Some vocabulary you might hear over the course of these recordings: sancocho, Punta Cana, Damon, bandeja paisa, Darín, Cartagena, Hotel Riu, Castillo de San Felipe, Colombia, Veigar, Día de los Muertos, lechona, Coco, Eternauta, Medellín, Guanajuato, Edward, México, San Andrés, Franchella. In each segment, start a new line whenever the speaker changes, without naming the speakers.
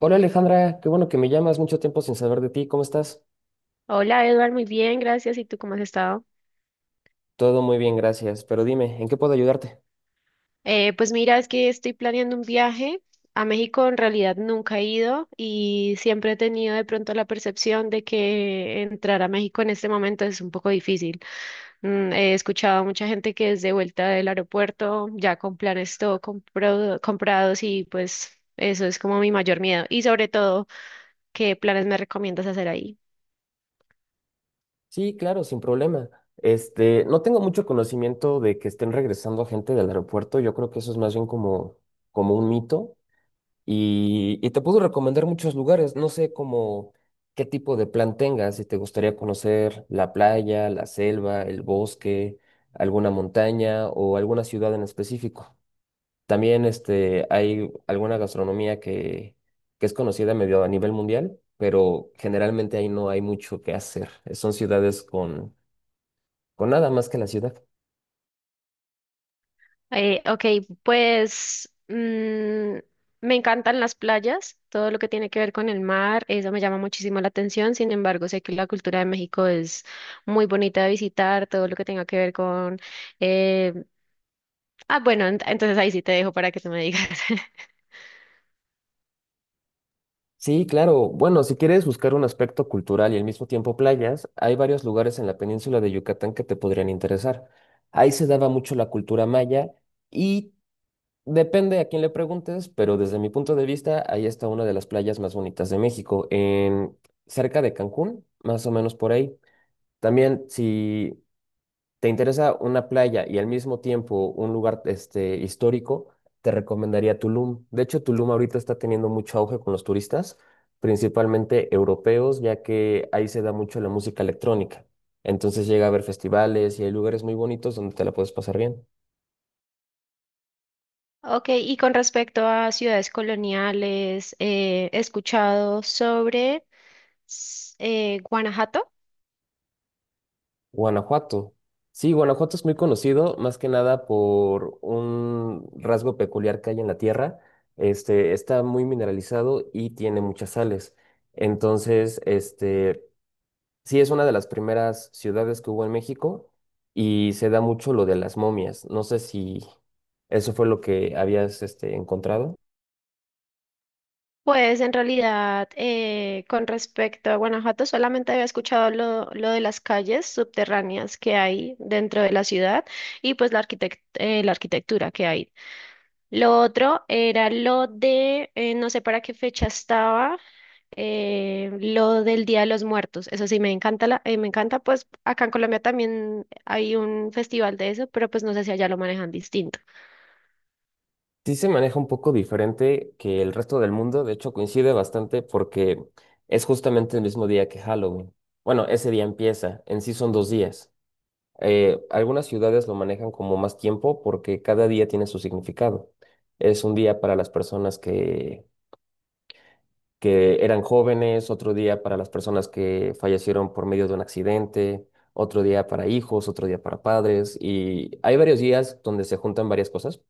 Hola Alejandra, qué bueno que me llamas, mucho tiempo sin saber de ti, ¿cómo estás?
Hola Edward, muy bien, gracias. ¿Y tú cómo has estado?
Todo muy bien, gracias, pero dime, ¿en qué puedo ayudarte?
Pues mira, es que estoy planeando un viaje a México. En realidad nunca he ido y siempre he tenido de pronto la percepción de que entrar a México en este momento es un poco difícil. He escuchado a mucha gente que es de vuelta del aeropuerto ya con planes todo comprados y pues eso es como mi mayor miedo. Y sobre todo, ¿qué planes me recomiendas hacer ahí?
Sí, claro, sin problema. Este, no tengo mucho conocimiento de que estén regresando gente del aeropuerto, yo creo que eso es más bien como un mito y te puedo recomendar muchos lugares, no sé cómo, qué tipo de plan tengas, si te gustaría conocer la playa, la selva, el bosque, alguna montaña o alguna ciudad en específico. También este, hay alguna gastronomía que es conocida medio a nivel mundial, pero generalmente ahí no hay mucho que hacer. Son ciudades con nada más que la ciudad.
Ok. pues mm, Me encantan las playas, todo lo que tiene que ver con el mar, eso me llama muchísimo la atención. Sin embargo, sé que la cultura de México es muy bonita de visitar, todo lo que tenga que ver con... eh, ah, bueno, entonces ahí sí te dejo para que tú me digas.
Sí, claro. Bueno, si quieres buscar un aspecto cultural y al mismo tiempo playas, hay varios lugares en la península de Yucatán que te podrían interesar. Ahí se daba mucho la cultura maya y depende a quién le preguntes, pero desde mi punto de vista, ahí está una de las playas más bonitas de México, cerca de Cancún, más o menos por ahí. También, si te interesa una playa y al mismo tiempo un lugar este, histórico, te recomendaría Tulum. De hecho, Tulum ahorita está teniendo mucho auge con los turistas, principalmente europeos, ya que ahí se da mucho la música electrónica. Entonces llega a haber festivales y hay lugares muy bonitos donde te la puedes pasar bien.
Ok, y con respecto a ciudades coloniales, he escuchado sobre Guanajuato.
Guanajuato. Sí, Guanajuato es muy conocido, más que nada por un rasgo peculiar que hay en la tierra. Este, está muy mineralizado y tiene muchas sales. Entonces, este, sí es una de las primeras ciudades que hubo en México y se da mucho lo de las momias. No sé si eso fue lo que habías, este, encontrado.
Pues en realidad, con respecto a Guanajuato, solamente había escuchado lo de las calles subterráneas que hay dentro de la ciudad y pues la la arquitectura que hay. Lo otro era lo de, no sé para qué fecha estaba, lo del Día de los Muertos. Eso sí, me encanta, me encanta. Pues acá en Colombia también hay un festival de eso, pero pues no sé si allá lo manejan distinto.
Sí se maneja un poco diferente que el resto del mundo, de hecho coincide bastante porque es justamente el mismo día que Halloween. Bueno, ese día empieza, en sí son dos días. Algunas ciudades lo manejan como más tiempo porque cada día tiene su significado. Es un día para las personas que eran jóvenes, otro día para las personas que fallecieron por medio de un accidente, otro día para hijos, otro día para padres y hay varios días donde se juntan varias cosas.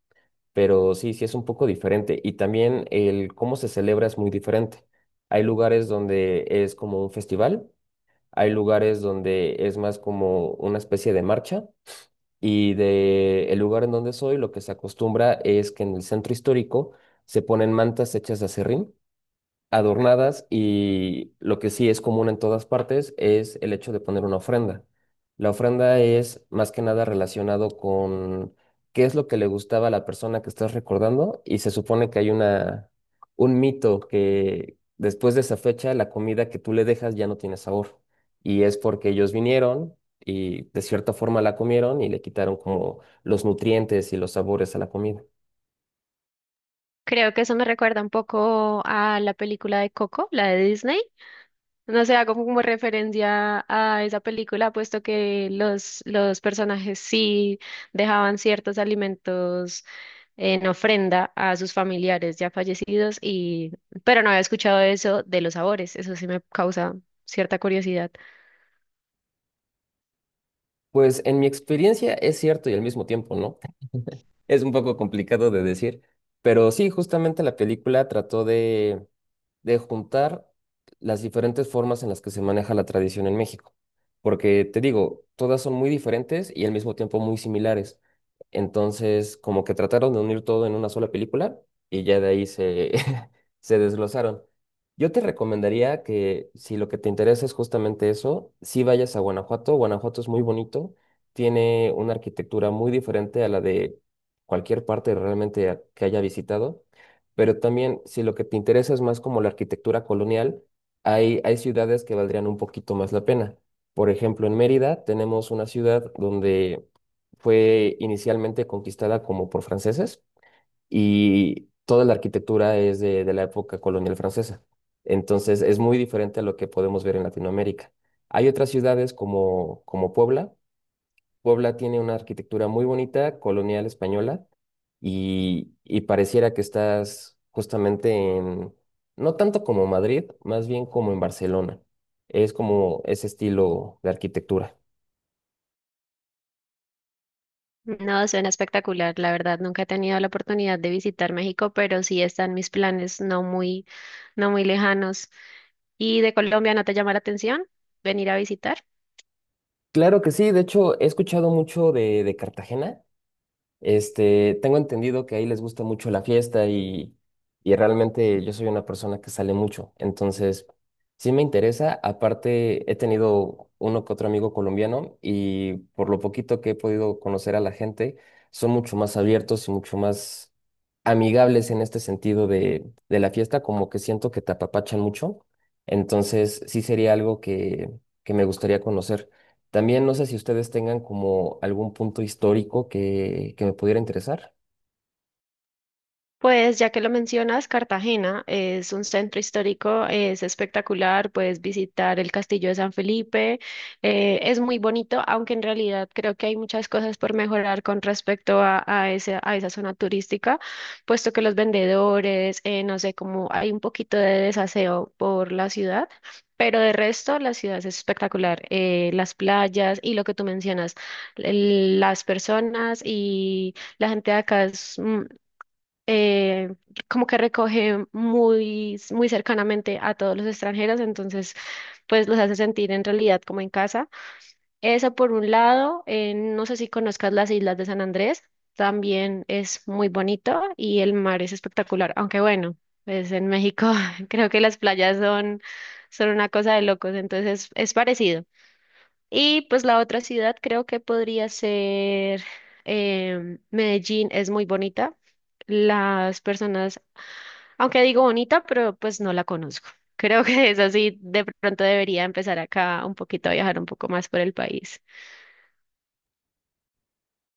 Pero sí, sí es un poco diferente. Y también el cómo se celebra es muy diferente. Hay lugares donde es como un festival, hay lugares donde es más como una especie de marcha. Y de el lugar en donde soy, lo que se acostumbra es que en el centro histórico se ponen mantas hechas de aserrín adornadas y lo que sí es común en todas partes es el hecho de poner una ofrenda. La ofrenda es más que nada relacionado con qué es lo que le gustaba a la persona que estás recordando y se supone que hay un mito que después de esa fecha la comida que tú le dejas ya no tiene sabor y es porque ellos vinieron y de cierta forma la comieron y le quitaron como los nutrientes y los sabores a la comida.
Creo que eso me recuerda un poco a la película de Coco, la de Disney. No sé, hago como referencia a esa película, puesto que los personajes sí dejaban ciertos alimentos en ofrenda a sus familiares ya fallecidos, y, pero no había escuchado eso de los sabores, eso sí me causa cierta curiosidad.
Pues en mi experiencia es cierto y al mismo tiempo, ¿no? Es un poco complicado de decir, pero sí, justamente la película trató de juntar las diferentes formas en las que se maneja la tradición en México. Porque te digo, todas son muy diferentes y al mismo tiempo muy similares. Entonces, como que trataron de unir todo en una sola película y ya de ahí se, se desglosaron. Yo te recomendaría que si lo que te interesa es justamente eso, sí vayas a Guanajuato. Guanajuato es muy bonito, tiene una arquitectura muy diferente a la de cualquier parte realmente que haya visitado pero también si lo que te interesa es más como la arquitectura colonial, hay ciudades que valdrían un poquito más la pena. Por ejemplo, en Mérida tenemos una ciudad donde fue inicialmente conquistada como por franceses y toda la arquitectura es de la época colonial francesa. Entonces es muy diferente a lo que podemos ver en Latinoamérica. Hay otras ciudades como Puebla. Puebla tiene una arquitectura muy bonita, colonial española, y pareciera que estás justamente no tanto como Madrid, más bien como en Barcelona. Es como ese estilo de arquitectura.
No, suena espectacular, la verdad. Nunca he tenido la oportunidad de visitar México, pero sí están mis planes no muy lejanos. ¿Y de Colombia no te llama la atención venir a visitar?
Claro que sí, de hecho he escuchado mucho de Cartagena. Este, tengo entendido que ahí les gusta mucho la fiesta y realmente yo soy una persona que sale mucho. Entonces, sí me interesa. Aparte, he tenido uno que otro amigo colombiano y por lo poquito que he podido conocer a la gente, son mucho más abiertos y mucho más amigables en este sentido de la fiesta, como que siento que te apapachan mucho. Entonces, sí sería algo que me gustaría conocer. También no sé si ustedes tengan como algún punto histórico que me pudiera interesar.
Pues ya que lo mencionas, Cartagena es un centro histórico, es espectacular, puedes visitar el Castillo de San Felipe, es muy bonito, aunque en realidad creo que hay muchas cosas por mejorar con respecto a, a esa zona turística, puesto que los vendedores, no sé, como hay un poquito de desaseo por la ciudad. Pero de resto, la ciudad es espectacular. Las playas y lo que tú mencionas, las personas y la gente de acá es, eh, como que recoge muy cercanamente a todos los extranjeros, entonces pues los hace sentir en realidad como en casa. Esa por un lado. No sé si conozcas las islas de San Andrés, también es muy bonito y el mar es espectacular. Aunque bueno, pues en México creo que las playas son, son una cosa de locos, entonces es parecido. Y pues la otra ciudad creo que podría ser Medellín, es muy bonita las personas, aunque digo bonita, pero pues no la conozco. Creo que es así, de pronto debería empezar acá un poquito a viajar un poco más por el país.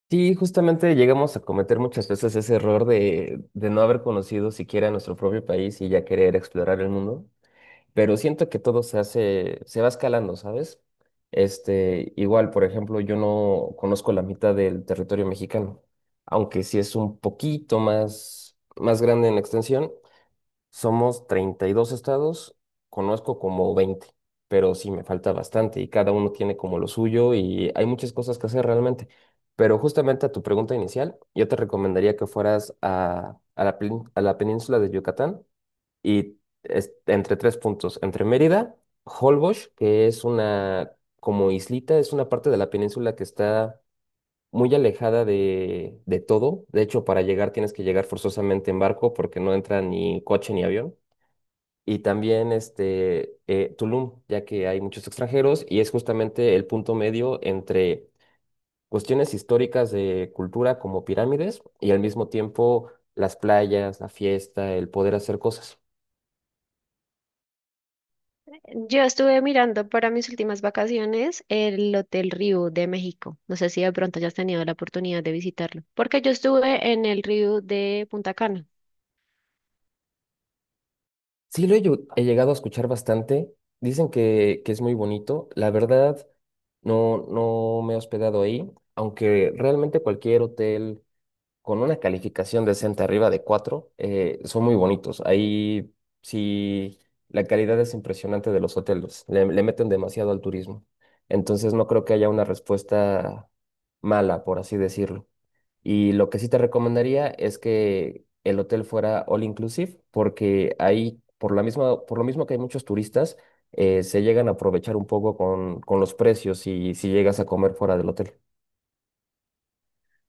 Sí, justamente llegamos a cometer muchas veces ese error de no haber conocido siquiera nuestro propio país y ya querer explorar el mundo. Pero siento que todo se hace, se va escalando, ¿sabes? Este, igual, por ejemplo, yo no conozco la mitad del territorio mexicano, aunque sí es un poquito más, más grande en extensión. Somos 32 estados, conozco como 20 pero sí me falta bastante y cada uno tiene como lo suyo y hay muchas cosas que hacer realmente. Pero justamente a tu pregunta inicial, yo te recomendaría que fueras a la península de Yucatán y entre tres puntos, entre Mérida, Holbox, que es una como islita, es una parte de la península que está muy alejada de todo. De hecho, para llegar tienes que llegar forzosamente en barco porque no entra ni coche ni avión y también este, Tulum, ya que hay muchos extranjeros y es justamente el punto medio entre cuestiones históricas de cultura como pirámides y al mismo tiempo las playas, la fiesta, el poder hacer cosas.
Yo estuve mirando para mis últimas vacaciones el Hotel Riu de México. No sé si de pronto hayas tenido la oportunidad de visitarlo, porque yo estuve en el Riu de Punta Cana.
Sí, he llegado a escuchar bastante. Dicen que es muy bonito. La verdad, no, no me he hospedado ahí, aunque realmente cualquier hotel con una calificación decente arriba de 4, son muy bonitos. Ahí sí, la calidad es impresionante de los hoteles. Le meten demasiado al turismo. Entonces no creo que haya una respuesta mala, por así decirlo. Y lo que sí te recomendaría es que el hotel fuera all inclusive, porque ahí, por la misma, por lo mismo que hay muchos turistas, se llegan a aprovechar un poco con los precios y si llegas a comer fuera del hotel.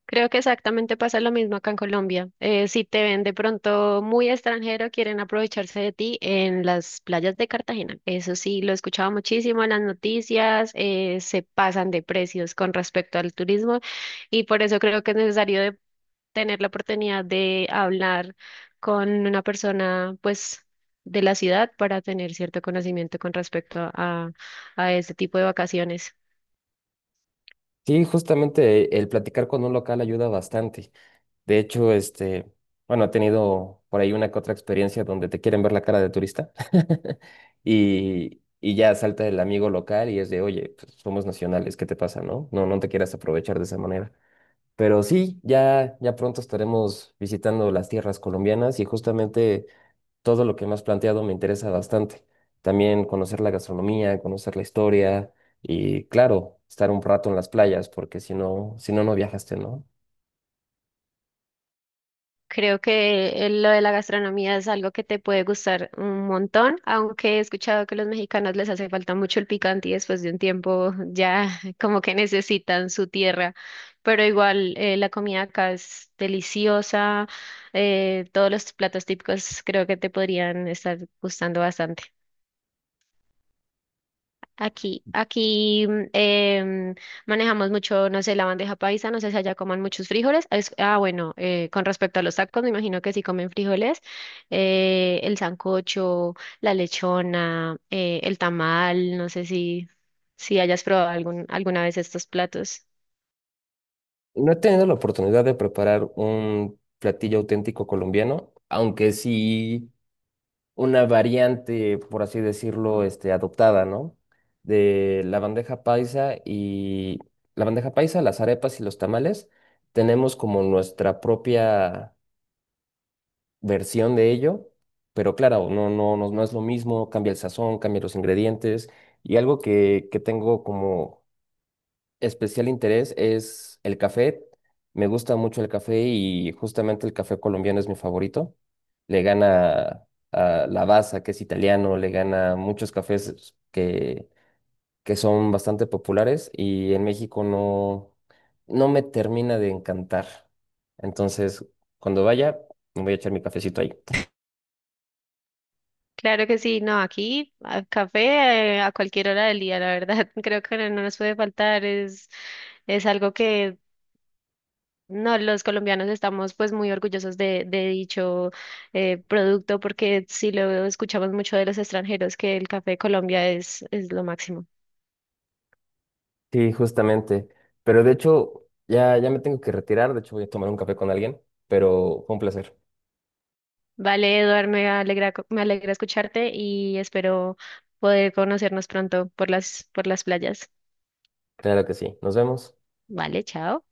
Creo que exactamente pasa lo mismo acá en Colombia. Si te ven de pronto muy extranjero, quieren aprovecharse de ti en las playas de Cartagena. Eso sí, lo he escuchado muchísimo en las noticias. Se pasan de precios con respecto al turismo y por eso creo que es necesario de tener la oportunidad de hablar con una persona, pues, de la ciudad, para tener cierto conocimiento con respecto a este tipo de vacaciones.
Sí, justamente el platicar con un local ayuda bastante. De hecho, este, bueno, he tenido por ahí una que otra experiencia donde te quieren ver la cara de turista y ya salta el amigo local y es de, oye, pues, somos nacionales, ¿qué te pasa, no? No, no te quieras aprovechar de esa manera. Pero sí, ya, ya pronto estaremos visitando las tierras colombianas y justamente todo lo que me has planteado me interesa bastante. También conocer la gastronomía, conocer la historia y, claro, estar un rato en las playas porque si no, si no, no viajaste, ¿no?
Creo que lo de la gastronomía es algo que te puede gustar un montón, aunque he escuchado que los mexicanos les hace falta mucho el picante y después de un tiempo ya como que necesitan su tierra. Pero igual la comida acá es deliciosa. Todos los platos típicos creo que te podrían estar gustando bastante. Aquí manejamos mucho, no sé, la bandeja paisa. No sé si allá coman muchos frijoles. Ah, bueno, con respecto a los tacos, me imagino que sí comen frijoles. El sancocho, la lechona, el tamal, no sé si, si hayas probado alguna vez estos platos.
No he tenido la oportunidad de preparar un platillo auténtico colombiano, aunque sí una variante, por así decirlo, este, adoptada, ¿no? De la bandeja paisa y la bandeja paisa, las arepas y los tamales, tenemos como nuestra propia versión de ello, pero claro, no, no, no, no es lo mismo, cambia el sazón, cambia los ingredientes y algo que tengo como especial interés es el café. Me gusta mucho el café y justamente el café colombiano es mi favorito. Le gana a Lavazza, que es italiano, le gana muchos cafés que son bastante populares y en México no, no me termina de encantar. Entonces, cuando vaya, me voy a echar mi cafecito ahí.
Claro que sí. No, aquí a café a cualquier hora del día, la verdad, creo que no nos puede faltar, es algo que no. Los colombianos estamos pues muy orgullosos de dicho producto, porque sí lo escuchamos mucho de los extranjeros que el café de Colombia es lo máximo.
Sí, justamente. Pero de hecho, ya, ya me tengo que retirar. De hecho, voy a tomar un café con alguien, pero fue un placer.
Vale, Eduard, me alegra, me alegra escucharte y espero poder conocernos pronto por por las playas.
Claro que sí. Nos vemos.
Vale, chao.